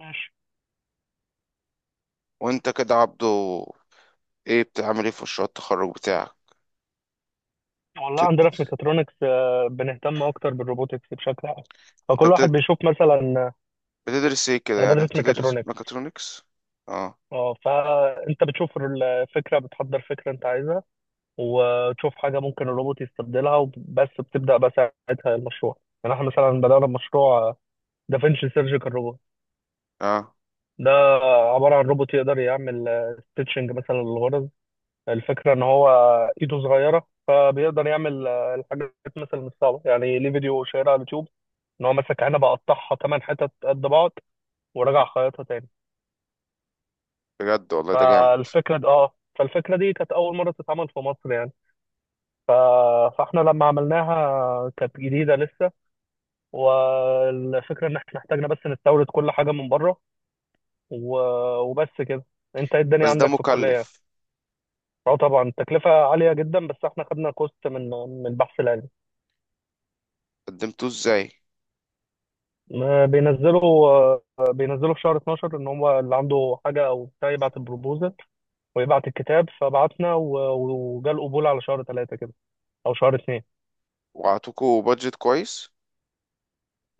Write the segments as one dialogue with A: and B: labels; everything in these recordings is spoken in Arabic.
A: ماشي.
B: وانت كده عبده، ايه بتعمل ايه في مشروع التخرج بتاعك؟
A: والله
B: بتد...
A: عندنا في ميكاترونكس بنهتم اكتر بالروبوتكس بشكل عام.
B: انت
A: فكل واحد
B: بتد...
A: بيشوف مثلا
B: بتدرس ايه كده؟
A: انا
B: يعني
A: بدرس
B: بتدرس
A: ميكاترونكس.
B: ميكاترونكس؟ اه
A: اه، فانت بتشوف الفكره، بتحضر فكره انت عايزها وتشوف حاجه ممكن الروبوت يستبدلها، وبس بتبدا بقى ساعتها المشروع. يعني احنا مثلا بدانا بمشروع دافنشي سيرجيكال روبوت.
B: اه.
A: ده عباره عن روبوت يقدر يعمل ستيتشنج مثلا للغرز. الفكرة ان هو ايده صغيرة، فبيقدر يعمل الحاجات مثلا مش صعبة. يعني ليه فيديو شهير على اليوتيوب، ان هو مسك عنبة قطعها ثمان حتت قد بعض ورجع خيطها تاني.
B: بجد والله ده جامد.
A: فالفكرة دي كانت أول مرة تتعمل في مصر يعني. ف... فاحنا لما عملناها كانت جديدة لسه، والفكرة ان احنا احتاجنا بس نستورد كل حاجة من بره. و... وبس كده. انت ايه الدنيا
B: بس ده
A: عندك في الكلية؟
B: مكلف.
A: اه، طبعا التكلفة عالية جدا، بس احنا خدنا كوست من البحث العلمي.
B: قدمتوه ازاي؟
A: ما بينزلوا بينزلوا في شهر 12، ان هو اللي عنده حاجه او بتاع يبعت البروبوزل ويبعت الكتاب. فبعتنا وجا القبول على شهر ثلاثة كده، او شهر اثنين.
B: وعطوكوا بادجت كويس؟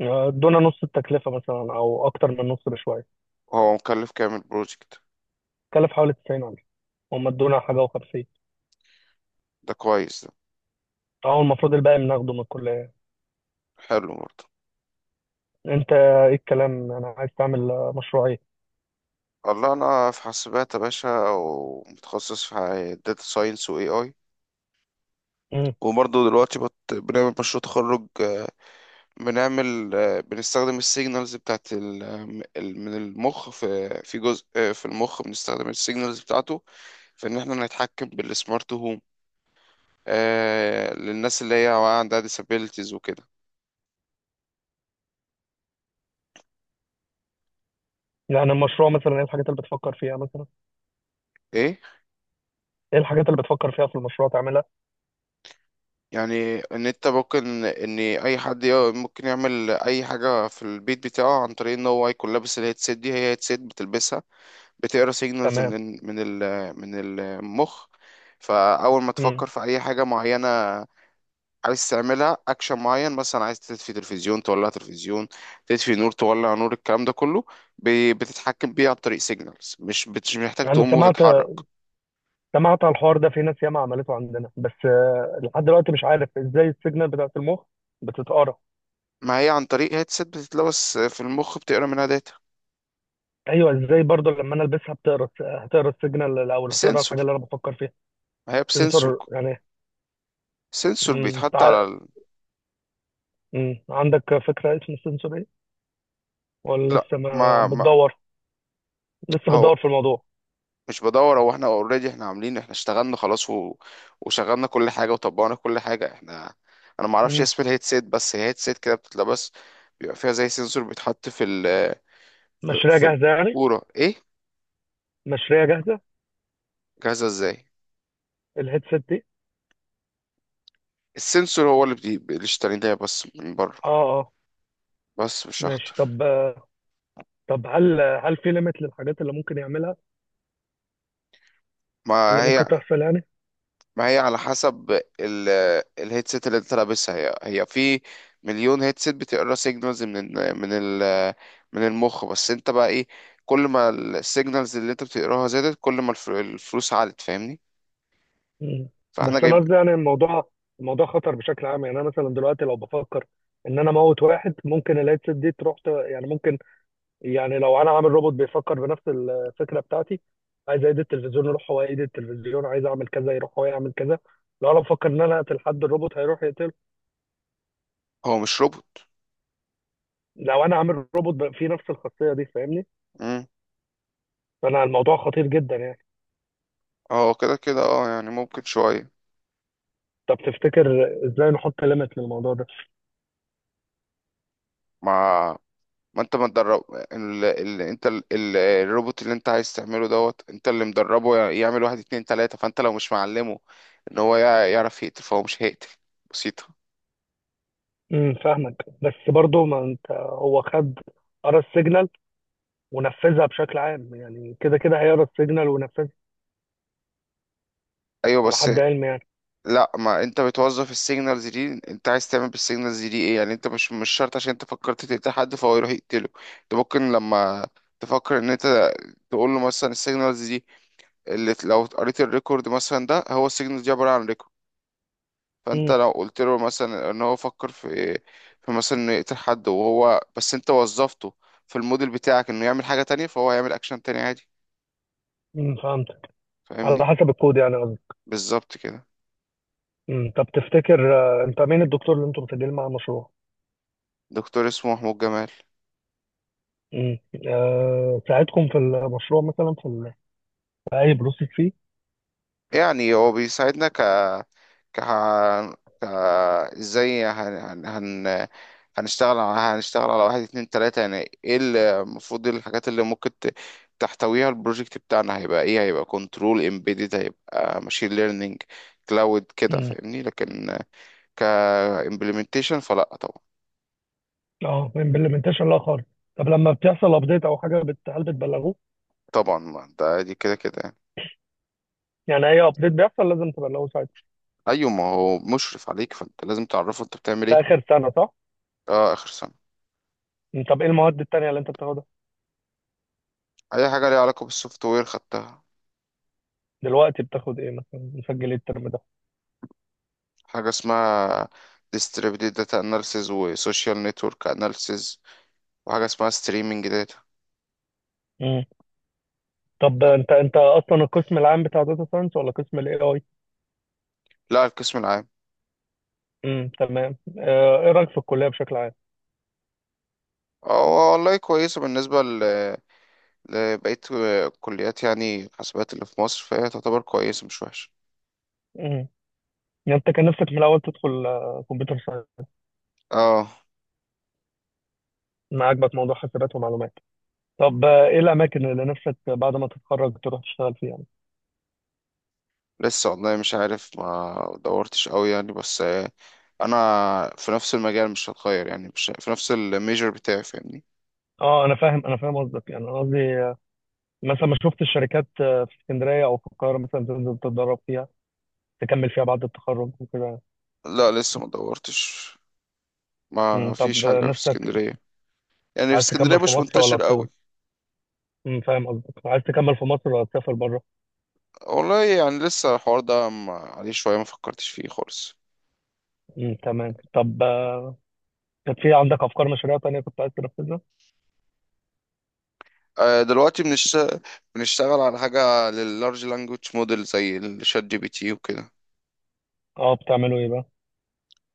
A: ادونا نص التكلفه مثلا، او اكتر من نص بشويه.
B: وهو مكلف كام البروجكت؟
A: كلف حوالي 90 الف، هم ادونا حاجه و50،
B: ده كويس ده.
A: او المفروض الباقي بناخده من الكليه.
B: حلو برضه.
A: انت ايه الكلام؟ انا عايز تعمل مشروع ايه؟
B: والله انا في حاسبات يا باشا، ومتخصص في داتا ساينس واي اي.
A: مم.
B: وبرضه دلوقتي بنعمل مشروع تخرج. بنعمل، بنستخدم السيجنالز بتاعت من المخ، في جزء، في المخ بنستخدم السيجنالز بتاعته في ان احنا نتحكم بالسمارت هوم. آه، للناس اللي هي عندها disabilities وكده.
A: يعني المشروع مثلا ايه الحاجات اللي بتفكر فيها مثلا؟
B: ايه؟
A: ايه الحاجات اللي بتفكر فيها في المشروع تعملها؟
B: يعني ان انت ممكن ان اي حد ممكن يعمل اي حاجه في البيت بتاعه عن طريق ان هو يكون لابس الهيدسيت. دي هي هيدسيت بتلبسها، بتقرا سيجنالز
A: تمام.
B: من ال، من المخ. فاول ما
A: مم.
B: تفكر في اي حاجه معينه عايز تعملها، اكشن معين مثلا، عايز تطفي تلفزيون، تولع تلفزيون، تطفي نور، تولع نور، الكلام ده كله بتتحكم بيه عن طريق سيجنالز. مش محتاج
A: انا
B: تقوم
A: سمعت
B: وتتحرك.
A: سمعت عن الحوار ده، في ناس ياما عملته عندنا، بس لحد دلوقتي مش عارف ازاي السيجنال بتاعت المخ بتتقرا.
B: ما هي عن طريق هيدسет بتتلبس في المخ، بتقرا منها داتا.
A: ايوه، ازاي برضه لما انا البسها بتقرا هتقرا السيجنال الاول؟ هتقرا الحاجه
B: بسنسور.
A: اللي انا بفكر فيها؟
B: ما هي بسنسور.
A: سنسور يعني؟
B: سنسور
A: مم،
B: بيتحط
A: تع-
B: على ال...
A: عندك فكره اسم السنسور ايه، ولا
B: لا،
A: لسه ما
B: ما.
A: بتدور؟ لسه بتدور
B: هو
A: في الموضوع.
B: مش بدور، هو احنا اوريدي احنا عاملين، احنا اشتغلنا خلاص، وشغلنا كل حاجه وطبقنا كل حاجه احنا. انا ما اعرفش
A: مم.
B: اسم الهيدسيت، بس هي هيدسيت كده بتتلبس، بيبقى فيها زي سنسور بيتحط في ال، في
A: مشاريع
B: في
A: جاهزه يعني؟
B: القوره. ايه؟
A: مشاريع جاهزه؟
B: جاهزه ازاي؟
A: الهيدسيت دي؟
B: السنسور هو اللي اشتريناه بس من بره.
A: اه، اه.
B: بس مش
A: ماشي.
B: اخطر.
A: طب، هل في ليميت للحاجات اللي ممكن يعملها، اللي
B: ما
A: ممكن
B: هي
A: تحصل يعني؟
B: ما هي على حسب ال، الهيدسيت اللي انت لابسها. هي في مليون هيدسيت بتقرا سيجنالز من ال من المخ، بس انت بقى ايه؟ كل ما السيجنالز اللي انت بتقراها زادت، كل ما الفلوس عالت، فاهمني؟
A: مم. بس
B: فاحنا
A: انا
B: جايب.
A: قصدي يعني الموضوع الموضوع خطر بشكل عام. يعني انا مثلا دلوقتي لو بفكر ان انا اموت واحد، ممكن الهيدسيت دي تروح يعني ممكن، يعني لو انا عامل روبوت بيفكر بنفس الفكره بتاعتي، عايز ايد التلفزيون يروح هو ايد التلفزيون، عايز اعمل كذا يروح هو يعمل كذا. لو انا بفكر ان انا اقتل حد، الروبوت هيروح يقتله.
B: هو مش روبوت.
A: لو انا عامل روبوت بقى فيه نفس الخاصيه دي، فاهمني؟
B: امم
A: فانا الموضوع خطير جدا يعني.
B: هو كده كده اه، يعني ممكن شوية.
A: طب تفتكر ازاي نحط ليميت للموضوع ده؟
B: ما ما انت ما تدرب ال... ال... انت ال... ال... الروبوت اللي انت عايز تعمله دوت، انت اللي مدربه يعمل واحد اتنين تلاتة، فانت لو مش معلمه ان هو يعرف يقتل، فهو مش هيقتل. بسيطة.
A: فاهمك، بس برضو ما انت هو خد، قرا السيجنال ونفذها بشكل عام. يعني كده كده هيقرا السيجنال وينفذها،
B: ايوه
A: على
B: بس،
A: حد علمي يعني.
B: لا ما انت بتوظف السيجنالز دي، انت عايز تعمل بالسيجنالز دي ايه، يعني انت مش شرط عشان انت فكرت تقتل حد فهو يروح يقتله. انت ممكن لما تفكر ان انت تقول له مثلا السيجنالز دي، اللي لو قريت الريكورد مثلا ده، هو السيجنالز دي عباره عن ريكورد. فانت
A: امم
B: لو قلت له مثلا ان هو فكر في، في مثلا انه يقتل حد، وهو بس انت وظفته في الموديل بتاعك انه يعمل حاجه تانية، فهو هيعمل اكشن تاني عادي.
A: فهمتك، على
B: فاهمني؟
A: حسب الكود يعني قصدي.
B: بالظبط كده.
A: طب تفتكر انت مين الدكتور اللي انتوا بتسجلوا معاه المشروع؟
B: دكتور اسمه محمود جمال.
A: امم. آه، ساعدكم في المشروع مثلا في، في اي بروسيس فيه؟
B: يعني هو بيساعدنا ك ك ك ازاي هن... هن... هن... هنشتغل على هنشتغل على واحد اتنين تلاتة، يعني ايه المفروض ايه الحاجات اللي ممكن تحتويها البروجكت بتاعنا. هيبقى ايه؟ هيبقى كنترول امبيدد، هيبقى ماشين ليرنينج، كلاود كده،
A: امم
B: فاهمني؟ لكن ك implementation فلا طبعا.
A: اه، امبلمنتيشن لا خالص. طب لما بتحصل ابديت او حاجه هل بتبلغوه؟
B: طبعا، ما ده دي كده كده يعني.
A: يعني اي ابديت بيحصل لازم تبلغوه ساعتها.
B: ايوه، ما هو مشرف عليك فانت لازم تعرفه انت بتعمل
A: ده
B: ايه.
A: اخر سنه صح؟
B: اه، اخر سنة.
A: مم، طب ايه المواد التانيه اللي انت بتاخدها؟
B: اي حاجة ليها علاقة بالسوفت وير خدتها.
A: دلوقتي بتاخد ايه مثلا؟ مسجل ايه الترم ده؟
B: حاجة اسمها distributed data analysis و social network analysis، وحاجة اسمها streaming data.
A: طب انت، اصلا القسم العام بتاع داتا ساينس، ولا قسم الاي اي؟
B: لا، القسم العام.
A: تمام. ايه رايك في الكليه بشكل عام؟
B: اه والله كويسة، بالنسبة لبقية كليات، يعني حاسبات اللي في مصر فهي تعتبر كويسة، مش وحشة.
A: امم. يعني انت كان نفسك من الاول تدخل كمبيوتر ساينس؟
B: اه.
A: ما عجبك موضوع حسابات ومعلومات؟ طب ايه الاماكن اللي نفسك بعد ما تتخرج تروح تشتغل فيها يعني؟
B: لسه والله مش عارف، ما دورتش قوي يعني، بس انا في نفس المجال مش هتغير، يعني مش في نفس الميجر بتاعي، فاهمني؟
A: اه، انا فاهم، انا فاهم قصدك. يعني انا قصدي مثلا ما شفت الشركات في اسكندريه او في القاهره مثلا تنزل تتدرب فيها، تكمل فيها بعد التخرج وكده.
B: لا لسه ما دورتش. ما فيش
A: طب
B: حاجة في
A: نفسك
B: اسكندرية، يعني في
A: عايز
B: اسكندرية
A: تكمل في
B: مش
A: مصر ولا
B: منتشر قوي.
A: فاهم قصدك، عايز تكمل في مصر ولا تسافر بره؟
B: والله يعني لسه الحوار ده عليه شوية، ما فكرتش فيه خالص.
A: مم، تمام. طب كانت في عندك افكار مشاريع تانية كنت عايز تنفذها؟
B: دلوقتي بنشتغل على حاجة لللارج لانجوج موديل زي الشات جي بي تي وكده.
A: اه، بتعملوا ايه بقى؟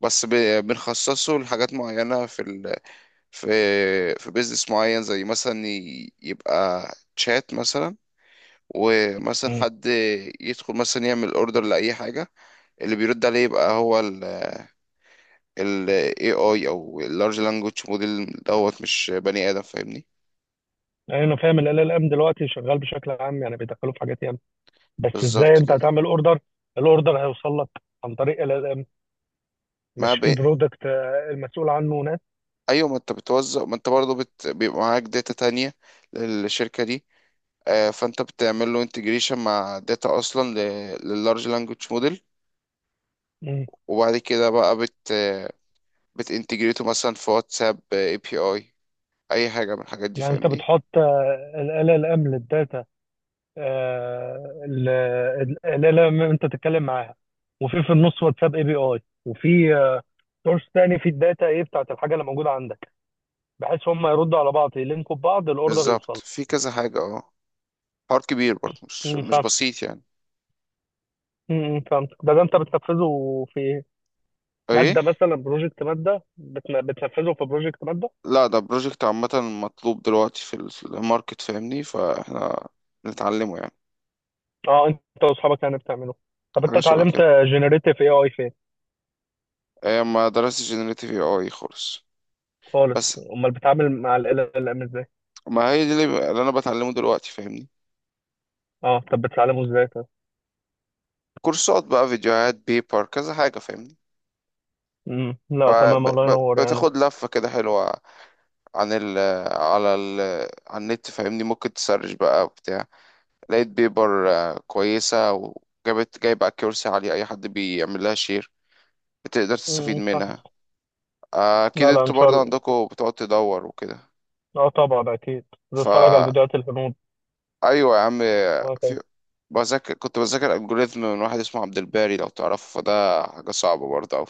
B: بس ب... بنخصصه لحاجات معينة في ال... في في بيزنس معين، زي مثلا يبقى تشات مثلا، ومثلا
A: مم.
B: حد يدخل مثلا يعمل اوردر لأي حاجة، اللي بيرد عليه يبقى هو ال AI او اللارج لانجوج موديل دوت، مش بني آدم، فاهمني؟
A: يعني انا فاهم ال ال ام دلوقتي شغال بشكل عام، يعني بيدخلوا في حاجات ياما. بس ازاي
B: بالظبط
A: انت
B: كده.
A: هتعمل اوردر؟ الاوردر هيوصل لك عن طريق ال ال ام، مش
B: ما
A: في
B: ب...
A: برودكت المسؤول عنه ناس؟
B: ايوه، ما انت بتوزع، ما انت برضه بيبقى معاك داتا تانية للشركة دي، آه، فانت بتعمل له انتجريشن مع داتا اصلا لللارج لانجوج موديل،
A: مم.
B: وبعد كده بقى بتنتجريته مثلا في واتساب اي بي اي، اي حاجة من الحاجات دي،
A: يعني انت
B: فاهمني؟
A: بتحط ال ال ام للداتا، ال ال ام انت تتكلم معاها، وفي النص واتساب اي بي اي، وفي سورس تاني في الداتا، ايه بتاعت الحاجه اللي موجوده عندك؟ بحيث هم يردوا على بعض يلينكوا ببعض، الاوردر
B: بالظبط،
A: يوصل.
B: في كذا حاجة. اه، حوار كبير برضه، مش مش
A: فاهم.
B: بسيط يعني.
A: فهمت. ده انت بتنفذه في
B: ايه؟
A: ماده مثلا؟ بروجكت ماده؟ بتنفذه في بروجكت ماده؟
B: لا ده بروجكت عامة، مطلوب دلوقتي في الماركت، فاهمني؟ فاحنا بنتعلمه يعني.
A: اه، انت واصحابك يعني بتعمله. طب انت
B: حاجة شبه
A: اتعلمت
B: كده.
A: جنريتيف اي اي فين؟
B: آه، ما درستش جنريتيف اي اي خالص.
A: خالص؟
B: بس
A: امال بتتعامل مع ال ام ازاي؟
B: ما هي دي اللي انا بتعلمه دلوقتي، فاهمني؟
A: اه، طب بتتعلمه ازاي طب؟
B: كورسات بقى، فيديوهات، بيبر، كذا حاجة، فاهمني؟ ب-
A: لا، تمام، الله ينور يعني.
B: بتاخد لفة كده حلوة عن ال، على ال، على النت، فاهمني؟ ممكن تسرش بقى بتاع، لقيت بيبر، كويسة، جايب اكيورسي عالية، اي حد بيعمل لها شير بتقدر تستفيد
A: فاهم.
B: منها. آه، اكيد
A: لا، لا، ان
B: انتوا
A: شاء
B: برضه
A: الله.
B: عندكم بتقعد تدور وكده.
A: اه، طبعا اكيد بتتفرج على
B: فا
A: الفيديوهات الهنود،
B: ايوه يا عم. في
A: وهكذا.
B: بذاكر، كنت بذاكر الجوريثم من واحد اسمه عبد الباري، لو تعرفه فده حاجة صعبة برضه.